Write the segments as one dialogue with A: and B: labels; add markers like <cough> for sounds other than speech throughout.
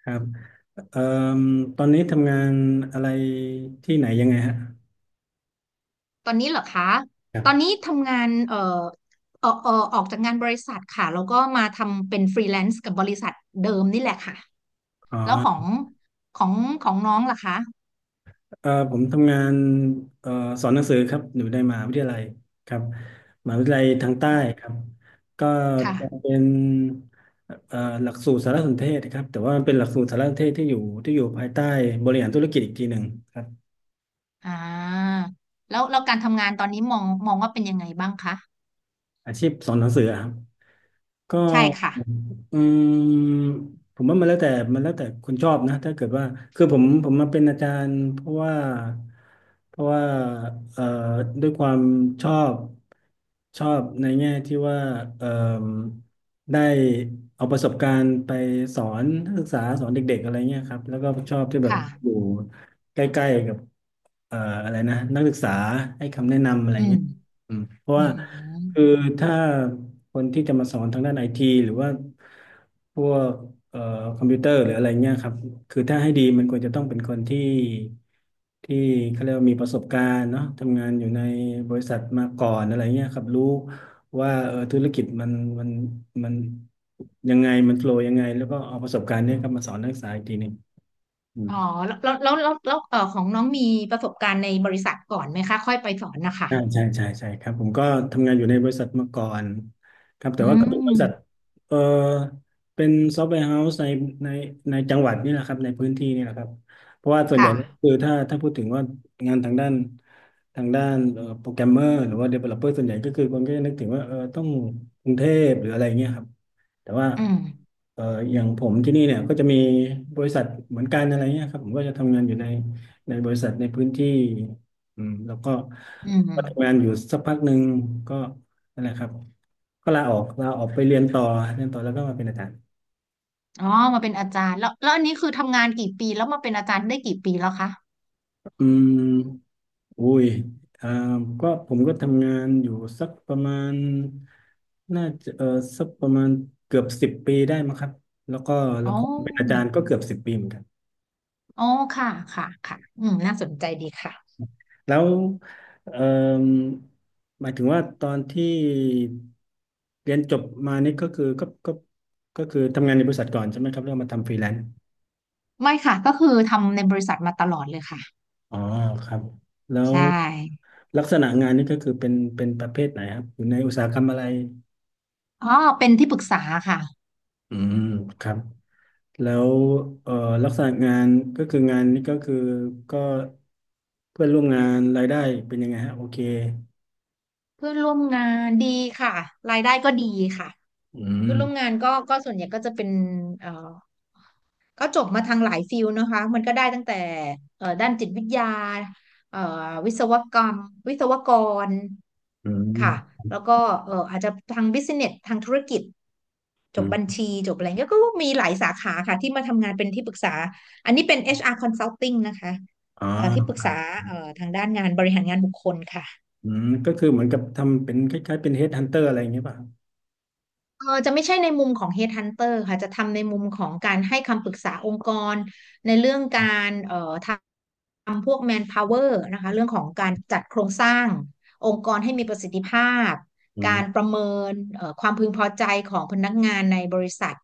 A: ครับเอ่อตอนนี้ทำงานอะไรที่ไหนยังไงฮะ
B: ตอนนี้เหรอคะ
A: ครั
B: ตอน
A: บ
B: นี้ทำงานออกจากงานบริษัทค่ะแล้วก็มาทำเป็นฟรีแลนซ์กับบริษัทเดิมนี่แหละค่ะ
A: อ๋
B: แล้ว
A: อ
B: ของของน้องล่ะคะ
A: ผมทำงานเอ่อสอนหนังสือครับอยู่ในมหาวิทยาลัยครับมหาวิทยาลัยทางใต้ครับก็จะ
B: ค่ะ
A: เป็นเอ่อหลักสูตรสารสนเทศครับแต่ว่ามันเป็นหลักสูตรสารสนเทศที่อยู่ภายใต้บริหารธุรกิจอีกทีหนึ่งครับ
B: อ่าแล้วการทำงานตอนนี้มองว่าเป็นยังไงบ้างคะ
A: อาชีพสอนหนังสือครับ ก็
B: ใช่ค่ะ
A: อืมผมว่ามันแล้วแต่คนชอบนะถ้าเกิดว่าคือผมมาเป็นอาจารย์เพราะว่าเพราะว่าเอ่อด้วยความชอบชอบในแง่ที่ว่าเอ่อได้เอาประสบการณ์ไปสอนนักศึกษาสอนเด็กๆอะไรเงี้ยครับแล้วก็ชอบที่แบบ
B: ค่ะ
A: อยู่ใกล้ๆกับเอ่ออะไรนะนักศึกษาให้คำแนะนำอะไร
B: อืม
A: เงี้ย อืมเพราะ
B: อื
A: ว่า
B: ม
A: คือถ้าคนที่จะมาสอนทางด้านไอทีหรือว่าพวกเอ่อคอมพิวเตอร์หรืออะไรเงี้ยครับคือถ้าให้ดีมันควรจะต้องเป็นคนที่เขาเรียกว่ามีประสบการณ์เนาะทำงานอยู่ในบริษัทมาก่อนอะไรเงี้ยครับรู้ว่าเออธุรกิจมันมันยังไงมันโฟลว์ยังไงแล้วก็เอาประสบการณ์เนี้ยครับมาสอนนักศึกษาอีกทีหนึ่งอืม
B: อ๋อแล้วของน้องมีประสบการณ์ในบริษัทก่อนไหมคะค่อยไปสอนนะคะ
A: ใช่าใช่ครับผมก็ทำงานอยู่ในบริษัทมาก่อนครับ
B: อื
A: แต่ว่าก็เป็นบริษัท
B: ม
A: เออเป็นซอฟต์แวร์เฮาส์ในในจังหวัดนี่แหละครับในพื้นที่นี่แหละครับเพราะว่าส่วนให
B: ค่ะ
A: ญ่ก็คือถ้าพูดถึงว่างานทางด้านโปรแกรมเมอร์หรือว่า Developer ส่วนใหญ่ก็คือคนก็จะนึกถึงว่าเออต้องกรุงเทพหรืออะไรเงี้ยครับ แต่ว่า
B: อืม
A: เอ่ออย่างผมที่นี่เนี่ยก็จะมีบริษัทเหมือนกันอะไรเงี้ยครับผมก็จะทำงานอยู่ในบริษัทในพื้นที่อืมแล้วก็
B: อื
A: ก็ทำงา
B: ม
A: นอยู่สักพักหนึ่งก็นั่นแหละครับก็ลาออกไปเรียนต่อเรียนต่อแล้วก็มาเป็นอาจารย์
B: อ๋อมาเป็นอาจารย์แล้วอันนี้คือทำงานกี่ปีแล้วมาเป็นอาจารย์ได้กี่ปีแล้วคะ
A: อืมอุ้ยอ่าก็ผมก็ทำงานอยู่สักประมาณน่าจะเออสักประมาณเกือบสิบปีได้มั้งครับแล้วก็
B: อ๋อ
A: เป็นอาจารย์ก็เกือบสิบปีเหมือนกัน
B: อ๋อค่ะค่ะค่ะอืมน่าสนใจดีค่ะ
A: แล้วเอ่มหมายถึงว่าตอนที่เรียนจบมานี่ก็คือก็คือทำงานในบริษัทก่อนใช่ไหมครับแล้วมาทำฟรีแลนซ์
B: ไม่ค่ะก็คือทำในบริษัทมาตลอดเลยค่ะ
A: อ๋อครับแล้ว
B: ใช่
A: ลักษณะงานนี่ก็คือเป็นประเภทไหนครับอยู่ในอุตสาหกรรมอะไร
B: อ๋อเป็นที่ปรึกษาค่ะ
A: อืมครับแล้วเอ่อลักษณะงานก็คืองานนี่ก็คือก็เพื่อนร่วมงานรายได้เป็นยังไงฮะโอเค
B: เพื่อนร่วมงานดีค่ะรายได้ก็ดีค่ะ
A: อืม
B: เพื่อนร่วมงานก็ส่วนใหญ่ก็จะเป็นเอ่อก็จบมาทางหลายฟิลนะคะมันก็ได้ตั้งแต่ด้านจิตวิทยาเอ่อวิศวกรรมวิศวกร
A: อื
B: ค่ะ
A: ม
B: แล้วก็อาจจะทางบิสเนสทางธุรกิจจบ
A: อื
B: บัญ
A: ม
B: ชีจบอะไรเงี้ยก็มีหลายสาขาค่ะที่มาทำงานเป็นที่ปรึกษา อันนี้เป็น HR Consulting นะคะ
A: อ๋
B: ที่ปรึก
A: อ
B: ษาทางด้านงานบริหารงานบุคคลค่ะ
A: อืมก็คือเหมือนกับทำเป็นคล้ายๆเป็นเฮดฮันเตอร์อะไรอย่างเงี้ยป่ะครับ
B: เออจะไม่ใช่ในมุมของ Headhunter ค่ะจะทำในมุมของการให้คำปรึกษาองค์กรในเรื่องการทำพวก manpower นะคะเรื่องของการจัดโครงสร้างองค์กรให้มีประสิทธิภาพ
A: อื
B: การป
A: ม
B: ระเมินความพึงพอใจของพนักงานในบริษัท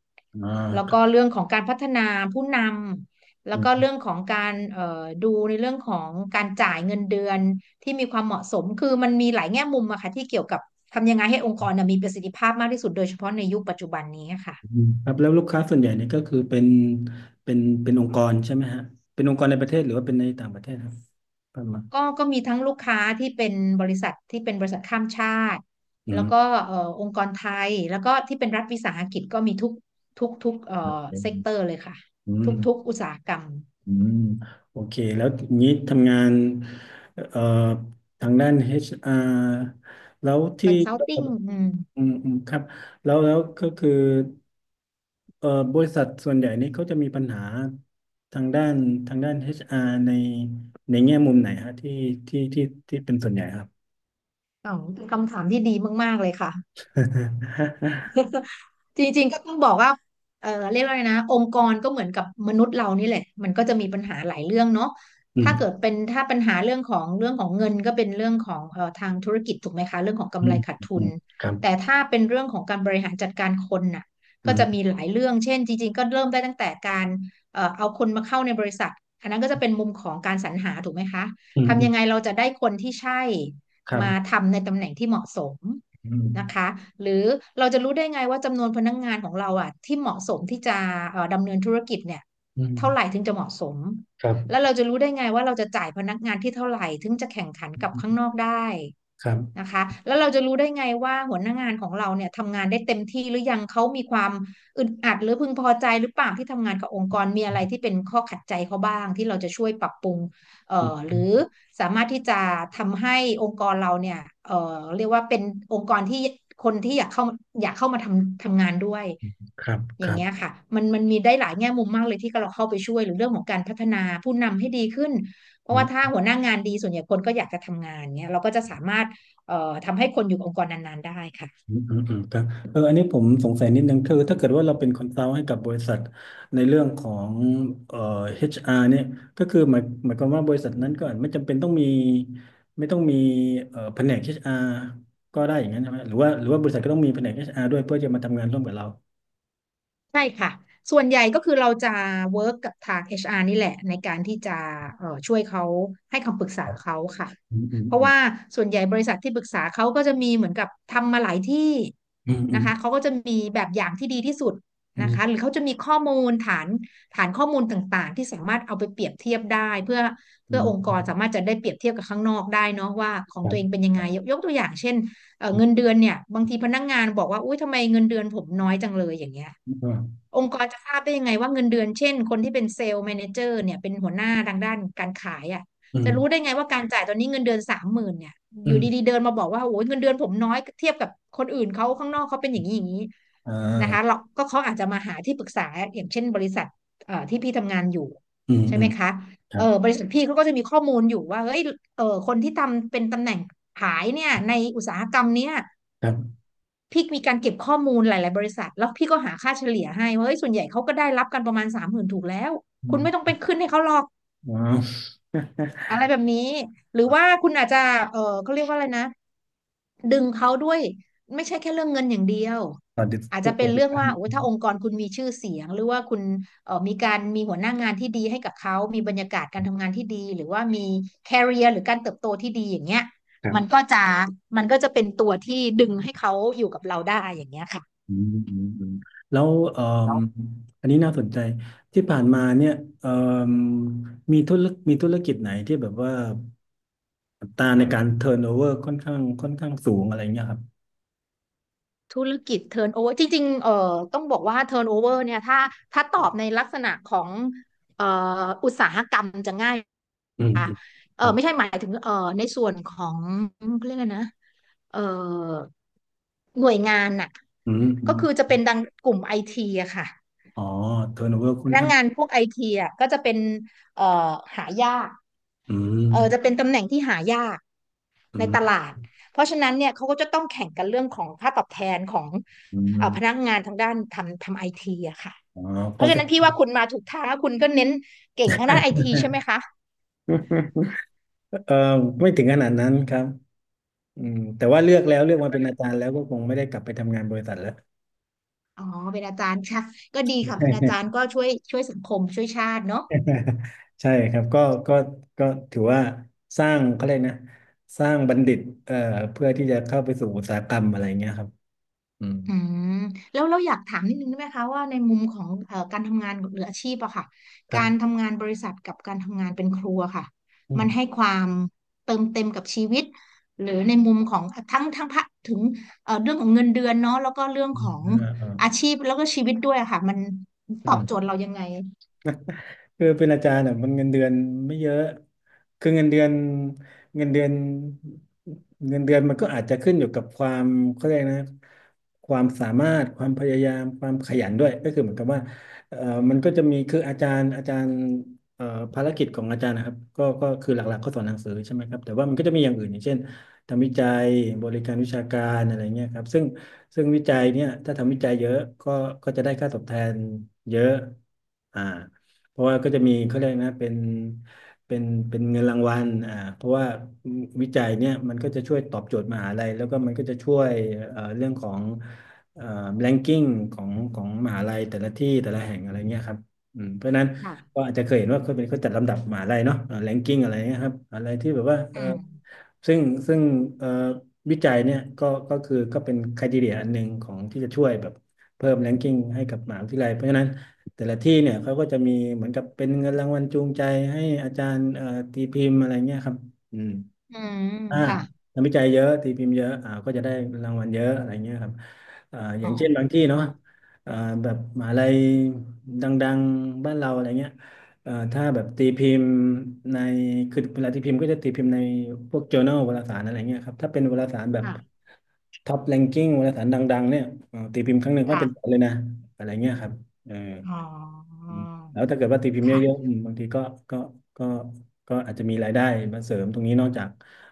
A: อ่า
B: แล้ว
A: ครั
B: ก็
A: บ
B: เรื่องของการพัฒนาผู้นำแล้
A: อื
B: วก็
A: ม
B: เรื่องของการดูในเรื่องของการจ่ายเงินเดือน ที่มีความเหมาะสมคือมันมีหลายแง่มุมอะค่ะที่เกี่ยวกับทำยังไงให้องค์กรน่ะมีประสิทธิภาพมากที่สุดโดยเฉพาะในยุคปัจจุบันนี้ค่ะ
A: ครับแล้วลูกค้าส่วนใหญ่เนี่ยก็คือเป็นเป็นองค์กรใช่ไหมฮะเป็นองค์กรในประเทศหรือว่าเป็นในต่างประเทศครับประมาณ
B: ก็มีทั้งลูกค้าที่เป็นบริษัทข้ามชาติ
A: อื
B: แล้วก็
A: ม
B: องค์กรไทยแล้วก็ที่เป็นรัฐวิสาหกิจก็มีทุกเซกเตอ
A: อ
B: ร์เลยค่ะ
A: ื
B: ทุก
A: ม
B: ทุกอุตสาหกรรม
A: อืมโอเคแล้วอย่างนี้ทำงานเอ่อทางด้าน HR แล้วที่
B: consulting อนซัลทิ n งอืม
A: อืมอืมครับแล้วก็คือ เอ่อบริษัทส่วนใหญ่นี่เขาจะมีปัญหาทางด้านHR ในในแง่มุมไหนฮะที่ที่เป็นส่วนใหญ่ครับ
B: อ๋อเป็นคำถามที่ดีมากๆเลยค่ะ จริงๆก็ต้องบอกว่าเออเรียกว่าไงนะองค์กรก็เหมือนกับมนุษย์เรานี่แหละมันก็จะมีปัญหาหลายเรื่องเนาะ
A: <laughs> อืม
B: ถ้าเกิดเป็นถ้าปัญหาเรื่องของเรื่องของเงินก็เป็นเรื่องของทางธุรกิจถูกไหมคะเรื่องของ
A: อื
B: กำไร
A: ม
B: ขาดทุ
A: อื
B: น
A: มครับ
B: แต่ถ้าเป็นเรื่องของการบริหารจัดการคนน่ะ
A: อื
B: ก็จะมี
A: ม
B: หลายเรื่องเช่นจริงๆก็เริ่มได้ตั้งแต่การเอาคนมาเข้าในบริษัทอันนั้นก็จะเป็นมุมของการสรรหาถูกไหมคะ
A: อืมอื
B: ทำ
A: ม
B: ยังไงเราจะได้คนที่ใช่
A: ครั
B: มา
A: บ
B: ทำในตำแหน่งที่เหมาะสม
A: อืม
B: นะคะหรือเราจะรู้ได้ไงว่าจำนวนพนักงานของเราอ่ะที่เหมาะสมที่จะดำเนินธุรกิจเนี่ย
A: อื
B: เท่าไหร่
A: ม
B: ถึงจะเหมาะสม
A: ครั
B: แล้ว
A: บ
B: เราจะรู้ได้ไงว่าเราจะจ่ายพนักงานที่เท่าไหร่ถึงจะแข่งขันกับข้างนอกได้
A: ครับ
B: นะคะแล้วเราจะรู้ได้ไงว่าหัวหน้างานของเราเนี่ยทำงานได้เต็มที่หรือยังเขามีความอึดอัดหรือพึงพอใจหรือเปล่าที่ทำงานกับองค์กรมีอะไรที่เป็นข้อขัดใจเขาบ้างที่เราจะช่วยปรับปรุง เอ่
A: อื
B: อห
A: ม
B: รือสามารถที่จะทำให้องค์กรเราเนี่ยเอ่อเรียกว่าเป็นองค์กรที่คนที่อยากเข้ามาทำงานด้วย
A: ครับ
B: อ
A: ค
B: ย่าง
A: รั
B: เงี้ย
A: บ
B: ค่ะมันมีได้หลายแง่มุมมากเลยที่เราเข้าไปช่วยหรือเรื่องของการพัฒนาผู้นำให้ดีขึ้นเพ
A: อื
B: ราะว่าถ้า
A: ม
B: หัวหน้างานดีส่วนใหญ่คนก็อยากจะทำงานเงี้ยเราก็จะสามารถเอ่อทำให้คนอยู่กับองค์กรนานๆได้ค่ะ
A: อืมอืมอืมครับเอออันนี้ผมสงสัยนิดนึงคือถ้าเกิดว่าเราเป็นคอนซัลท์ให้กับบริษัทในเรื่องของเอ่อ HR เนี่ยก็คือหมายความว่าบริษัทนั้นก็อาจไม่จำเป็นต้องมีไม่ต้องมีแผนก HR ก็ได้อย่างนั้นใช่ไหมหรือว่าบริษัทก็ต้องมีแผนก HR ด้วยเพื่อจะมาทำงานร่วมกับเรา
B: ใช่ค่ะส่วนใหญ่ก็คือเราจะเวิร์กกับทาง HR นี่แหละในการที่จะช่วยเขาให้คำปรึก
A: ค
B: ษา
A: รับ
B: เขาค่ะ
A: อืมอืม
B: เพราะ
A: อ
B: ว่าส่วนใหญ่บริษัทที่ปรึกษาเขาก็จะมีเหมือนกับทำมาหลายที่
A: ืมอื
B: นะ
A: ม
B: คะเขาก็จะมีแบบอย่างที่ดีที่สุด
A: อื
B: นะคะหรื
A: ม
B: อเขาจะมีข้อมูลฐานข้อมูลต่างๆที่สามารถเอาไปเปรียบเทียบได้เพื่อ
A: อื
B: เพื่อ
A: ม
B: องค์ก
A: อื
B: รสา
A: ม
B: มารถจะได้เปรียบเทียบกับข้างนอกได้เนาะว่าของ
A: ครั
B: ตัวเอง
A: บ
B: เป็นยังไงยกตัวอย่างเช่น
A: ครั
B: เงิน
A: บ
B: เดือนเนี่ยบางทีพนักงานบอกว่าอุ้ยทำไมเงินเดือนผมน้อยจังเลยอย่างเงี้ยองค์กรจะทราบได้ยังไงว่าเงินเดือนเช่นคนที่เป็นเซลล์แมเนเจอร์เนี่ยเป็นหัวหน้าทางด้านการขายอ่ะ
A: อื
B: จะรู้ได้
A: ม
B: ไงว่าการจ่ายตอนนี้เงินเดือนสามหมื่นเนี่ยอ
A: อื
B: ยู่ดี
A: ม
B: ๆเดินมาบอกว่าโอ้ยเงินเดือนผมน้อยเทียบกับคนอื่นเขาข้างนอกเขาเป็นอย่างนี้อย่างนี้
A: อ่
B: นะคะเรา
A: า
B: ก็เขาอาจจะมาหาที่ปรึกษาอย่างเช่นบริษัทที่พี่ทำงานอยู่
A: อืม
B: ใช่
A: อื
B: ไหม
A: ม
B: คะ
A: ครั
B: เอ
A: บ
B: อบริษัทพี่เขาก็จะมีข้อมูลอยู่ว่าเฮ้ยเออคนที่ทำเป็นตำแหน่งขายเนี่ยในอุตสาหกรรมเนี้ย
A: ครับ
B: พี่มีการเก็บข้อมูลหลายๆบริษัทแล้วพี่ก็หาค่าเฉลี่ยให้ว่าเฮ้ยส่วนใหญ่เขาก็ได้รับกันประมาณสามหมื่นถูกแล้วคุ
A: อื
B: ณไม่ต้อง
A: ม
B: ไปขึ้นให้เขาหรอก
A: ว้าว
B: อะไรแบบนี้หรือว่า
A: <laughs>
B: คุณอาจจะเออเขาเรียกว่าอะไรนะดึงเขาด้วยไม่ใช่แค่เรื่องเงินอย่างเดียว
A: สวัสดี
B: อาจ
A: ทุ
B: จะ
A: กค
B: เป็น
A: นอีก
B: เรื่อง
A: ครั้ง
B: ว่าโอ้ยถ้าองค์กรคุณมีชื่อเสียงหรือว่าคุณเออมีการมีหัวหน้างานที่ดีให้กับเขามีบรรยากาศการทำงานที่ดีหรือว่ามี career หรือการเติบโตที่ดีอย่างเงี้ย
A: ครั
B: มัน
A: บ
B: ก็จะมันก็จะเป็นตัวที่ดึงให้เขาอยู่กับเราได้อย่างเงี้ยค่ะ
A: อืมอืมอืมแล้วเอ่มอันนี้น่าสนใจที่ผ่านมาเนี่ยเอ่มมีธุรมีธุรกิจไหนที่แบบว่าอัตราในการเทิร์นโอเวอร์ค่อนข้างสูงอะไรเงี้ยครับ
B: ธุรกิจ turnover จริงๆต้องบอกว่า turnover เนี่ยถ้าตอบในลักษณะของเอ่ออุตสาหกรรมจะง่าย
A: อืม
B: ค่ะ
A: อืม
B: เอ
A: ค
B: อ
A: รั
B: ไม่ใช่
A: บ
B: หมายถึงในส่วนของเขาเรียกอะไรนะเอ่อหน่วยงานน่ะ
A: อืมอื
B: ก็
A: ม
B: คือจะเป็นดังกลุ่มไอทีอะค่ะ
A: อ๋อเทิร์นโอเวอร์
B: พ
A: ค่อน
B: นัก
A: ข้าง
B: งานพวกไอทีอะก็จะเป็นเอ่อหายาก
A: อื
B: เออจะเป็
A: ม
B: นตำแหน่งที่หายาก
A: อื
B: ในต
A: ม
B: ลาดเพราะฉะนั้นเนี่ยเขาก็จะต้องแข่งกันเรื่องของค่าตอบแทนของ
A: อื
B: พนัก
A: ม
B: งานทางด้านทำไอทีอะค่ะ
A: อ๋อ
B: เพ
A: ก็
B: ราะฉะ
A: จะ
B: นั้นพี่ว่าคุณมาถูกทางแล้วคุณก็เน้นเก่งทางด้านไอทีใช่ไหมคะ
A: <laughs> เออไม่ถึงขนาดนั้นครับอืมแต่ว่าเลือกแล้วเลือกมาเป็นอาจารย์แล้วก็คงไม่ได้กลับไปทำงานบริษัทแล้ว
B: อ๋อเป็นอาจารย์ค่ะก็ดีค่ะเป็นอาจารย์ก็ช่วยสังคมช่วยชาติเนาะ
A: <laughs> ใช่ครับก็ก็ก็ถือว่าสร้างเขาเรียกนะสร้างบัณฑิตเอ่อเพื่อที่จะเข้าไปสู่อุตสาหกรรมอะไรเงี้ยครับอืม
B: อืมแล้วเราอยากถามนิดนึงได้ไหมคะว่าในมุมของการทำงานหรืออาชีพอะค่ะ
A: ครั
B: การ
A: บ
B: ทำงานบริษัทกับการทำงานเป็นครัวค่ะ
A: อื
B: มันให้
A: ม
B: ความเติมเต็มกับชีวิตหรือในมุมของทั้งพะถึงเรื่องของเงินเดือนเนาะแล้วก็เรื่อง
A: อื
B: ข
A: ม
B: อง
A: อ่าอ่า
B: อาชีพแล้วก็ชีวิตด้วยอะค่ะมันตอ
A: อื
B: บโจทย์
A: ม
B: เรายังไง
A: คือเป็นอาจารย์อ่ะมันเงินเดือนไม่เยอะคือเงินเดือนเงินเดือนมันก็อาจจะขึ้นอยู่กับความเขาเรียกนะความสามารถความพยายามความขยันด้วยก็คือเหมือนกับว่าเอ่อมันก็จะมีคืออาจารย์เอ่อภารกิจของอาจารย์นะครับก็คือหลักๆก็สอนหนังสือใช่ไหมครับแต่ว่ามันก็จะมีอย่างอื่นอย่างเช่นทำวิจัยบริการวิชาการอะไรเงี้ยครับซึ่งวิจัยเนี่ยถ้าทำวิจัยเยอะก็ก็จะได้ค่าตอบแทนเยอะอ่า เพราะว่าก็จะมีเขาเรียกนะเป็นเป็นเงินรางวัลอ่าเพราะว่าวิจัยเนี่ยมันก็จะช่วยตอบโจทย์มหาลัยแล้วก็มันก็จะช่วยเรื่องของเอ่อ ranking ของของมหาลัยแต่ละที่แต่ละแห่งอะไรเงี้ยครับอืมเพราะฉะนั้น
B: ค่ะ
A: ก็อาจจะเคยเห็นว่าเขาเป็นเขาจัดลำดับมหาลัยเนาะranking อะไรเงี้ยครับอะไรที่แบบว่า
B: อืม
A: ซึ่งซึ่งเอ่อวิจัยเนี่ยก็คือก็เป็น criteria อันหนึ่งของที่จะช่วยแบบเพิ่ม ranking ให้กับมหาวิทยาลัยเพราะฉะนั้น แต่ละที่เนี่ยเขาก็จะมีเหมือนกับเป็นเงินรางวัลจูงใจให้อาจารย์ตีพิมพ์อะไรเงี้ยครับอืม
B: อืม
A: อ่า
B: ค่ะ
A: นักวิจัยเยอะตีพิมพ์เยอะอ่าก็จะได้รางวัลเยอะอะไรเงี้ยครับอ่าอ
B: อ๋
A: ย่างเช่นบางที่
B: อ
A: เนาะอ่าแบบมหาลัยดังๆบ้านเราอะไรเงี้ยถ้าแบบตีพิมพ์ในคือเวลาตีพิมพ์ก็จะตีพิมพ์ในพวก journal วารสารอะไรเงี้ยครับถ้าเป็นวารสารแบบ
B: ค่ะ
A: ท็อปแรงกิ้งวารสารดังๆเนี่ยตีพิมพ์ครั้งหนึ่งก็
B: ค่ะ
A: เป็นแสนเลยนะอะไรเงี้ยครับเออ
B: อ๋อ
A: อืมแล้วถ้าเกิดว่าตีพิมพ์เยอะๆ
B: ค่ะ
A: อืมบางทีก็ก็ก็ก็อาจจะมีรายได้มาเสริมตรงนี้นอกจาก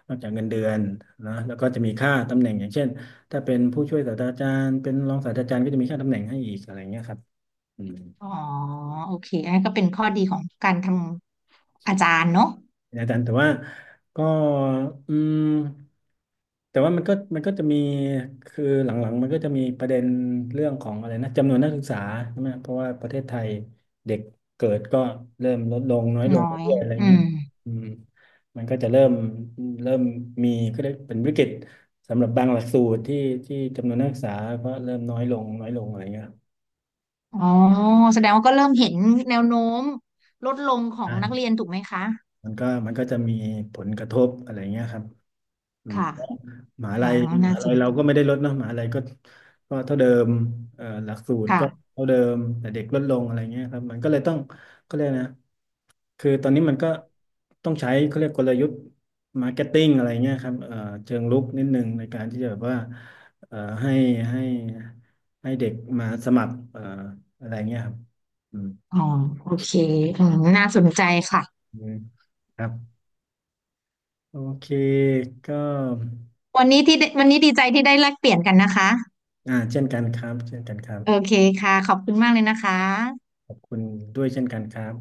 A: เงินเดือนนะแล้วก็จะมีค่าตำแหน่งอย่างเช่นถ้าเป็นผู้ช่วยศาสตราจารย์เป็นรองศาสตราจารย์ก็จะมีค่าตำแหน่งให้อีกอะไรเงี้ยครับอืม
B: อ๋อโอเคอันนั้นก็เป็นข้อดีของการทำอาจารย์เนาะ
A: อาจารย์แต่ว่าก็อืมแต่ว่ามันก็จะมีคือหลังๆมันก็จะมีประเด็นเรื่องของอะไรนะจำนวนนักศึกษาใช่ไหมเพราะว่าประเทศไทยเด็กเกิดก็เริ่มลดลงน้อยล
B: น้
A: ง
B: อย
A: เรื่อยๆอะไร
B: อื
A: เงี้ย
B: ม
A: อืมมันก็จะเริ่มเริ่มมีก็ได้เป็นวิกฤตสำหรับบางหลักสูตรที่จำนวนนักศึกษาก็เริ่มน้อยลงน้อยลงอะไรเงี้ย
B: อ๋อแสดงว่าก็เริ่มเห็นแนวโน้มลดลงของนักเรี
A: ใช่
B: ยนถูกไหมคะ
A: มันก็จะมีผลกระทบอะไรเงี้ยครับอืม
B: ค่ะ
A: มหา
B: อ๋อ
A: ลัย
B: น่าสน
A: เรา
B: ใจ
A: ก็ไม่ได้ลดเนาะมหาลัยก็ก็เท่าเดิมหลักสูตร
B: ค่ะ
A: ก็เท่าเดิมแต่เด็กลดลงอะไรเงี้ยครับมันก็เลยต้องก็เลยกนะคือตอนนี้มันก็ต้องใช้เขาเรียกกลยุทธ์มาร์เก็ตติ้งอะไรเงี้ยครับเชิงรุกนิดนึงในการที่จะแบบว่าให้ให้ให้เด็กมาสมัครอะไรเงี้ยครับอืม
B: อ๋อโอเคอืมน่าสนใจค่ะ
A: อืมครับโอเคก็
B: วันนี้ดีใจที่ได้แลกเปลี่ยนกันนะคะ
A: อ่าเช่นกันครับเช่นกันครับ
B: โอเคค่ะขอบคุณมากเลยนะคะ
A: ขอบคุณด้วยเช่นกันครับ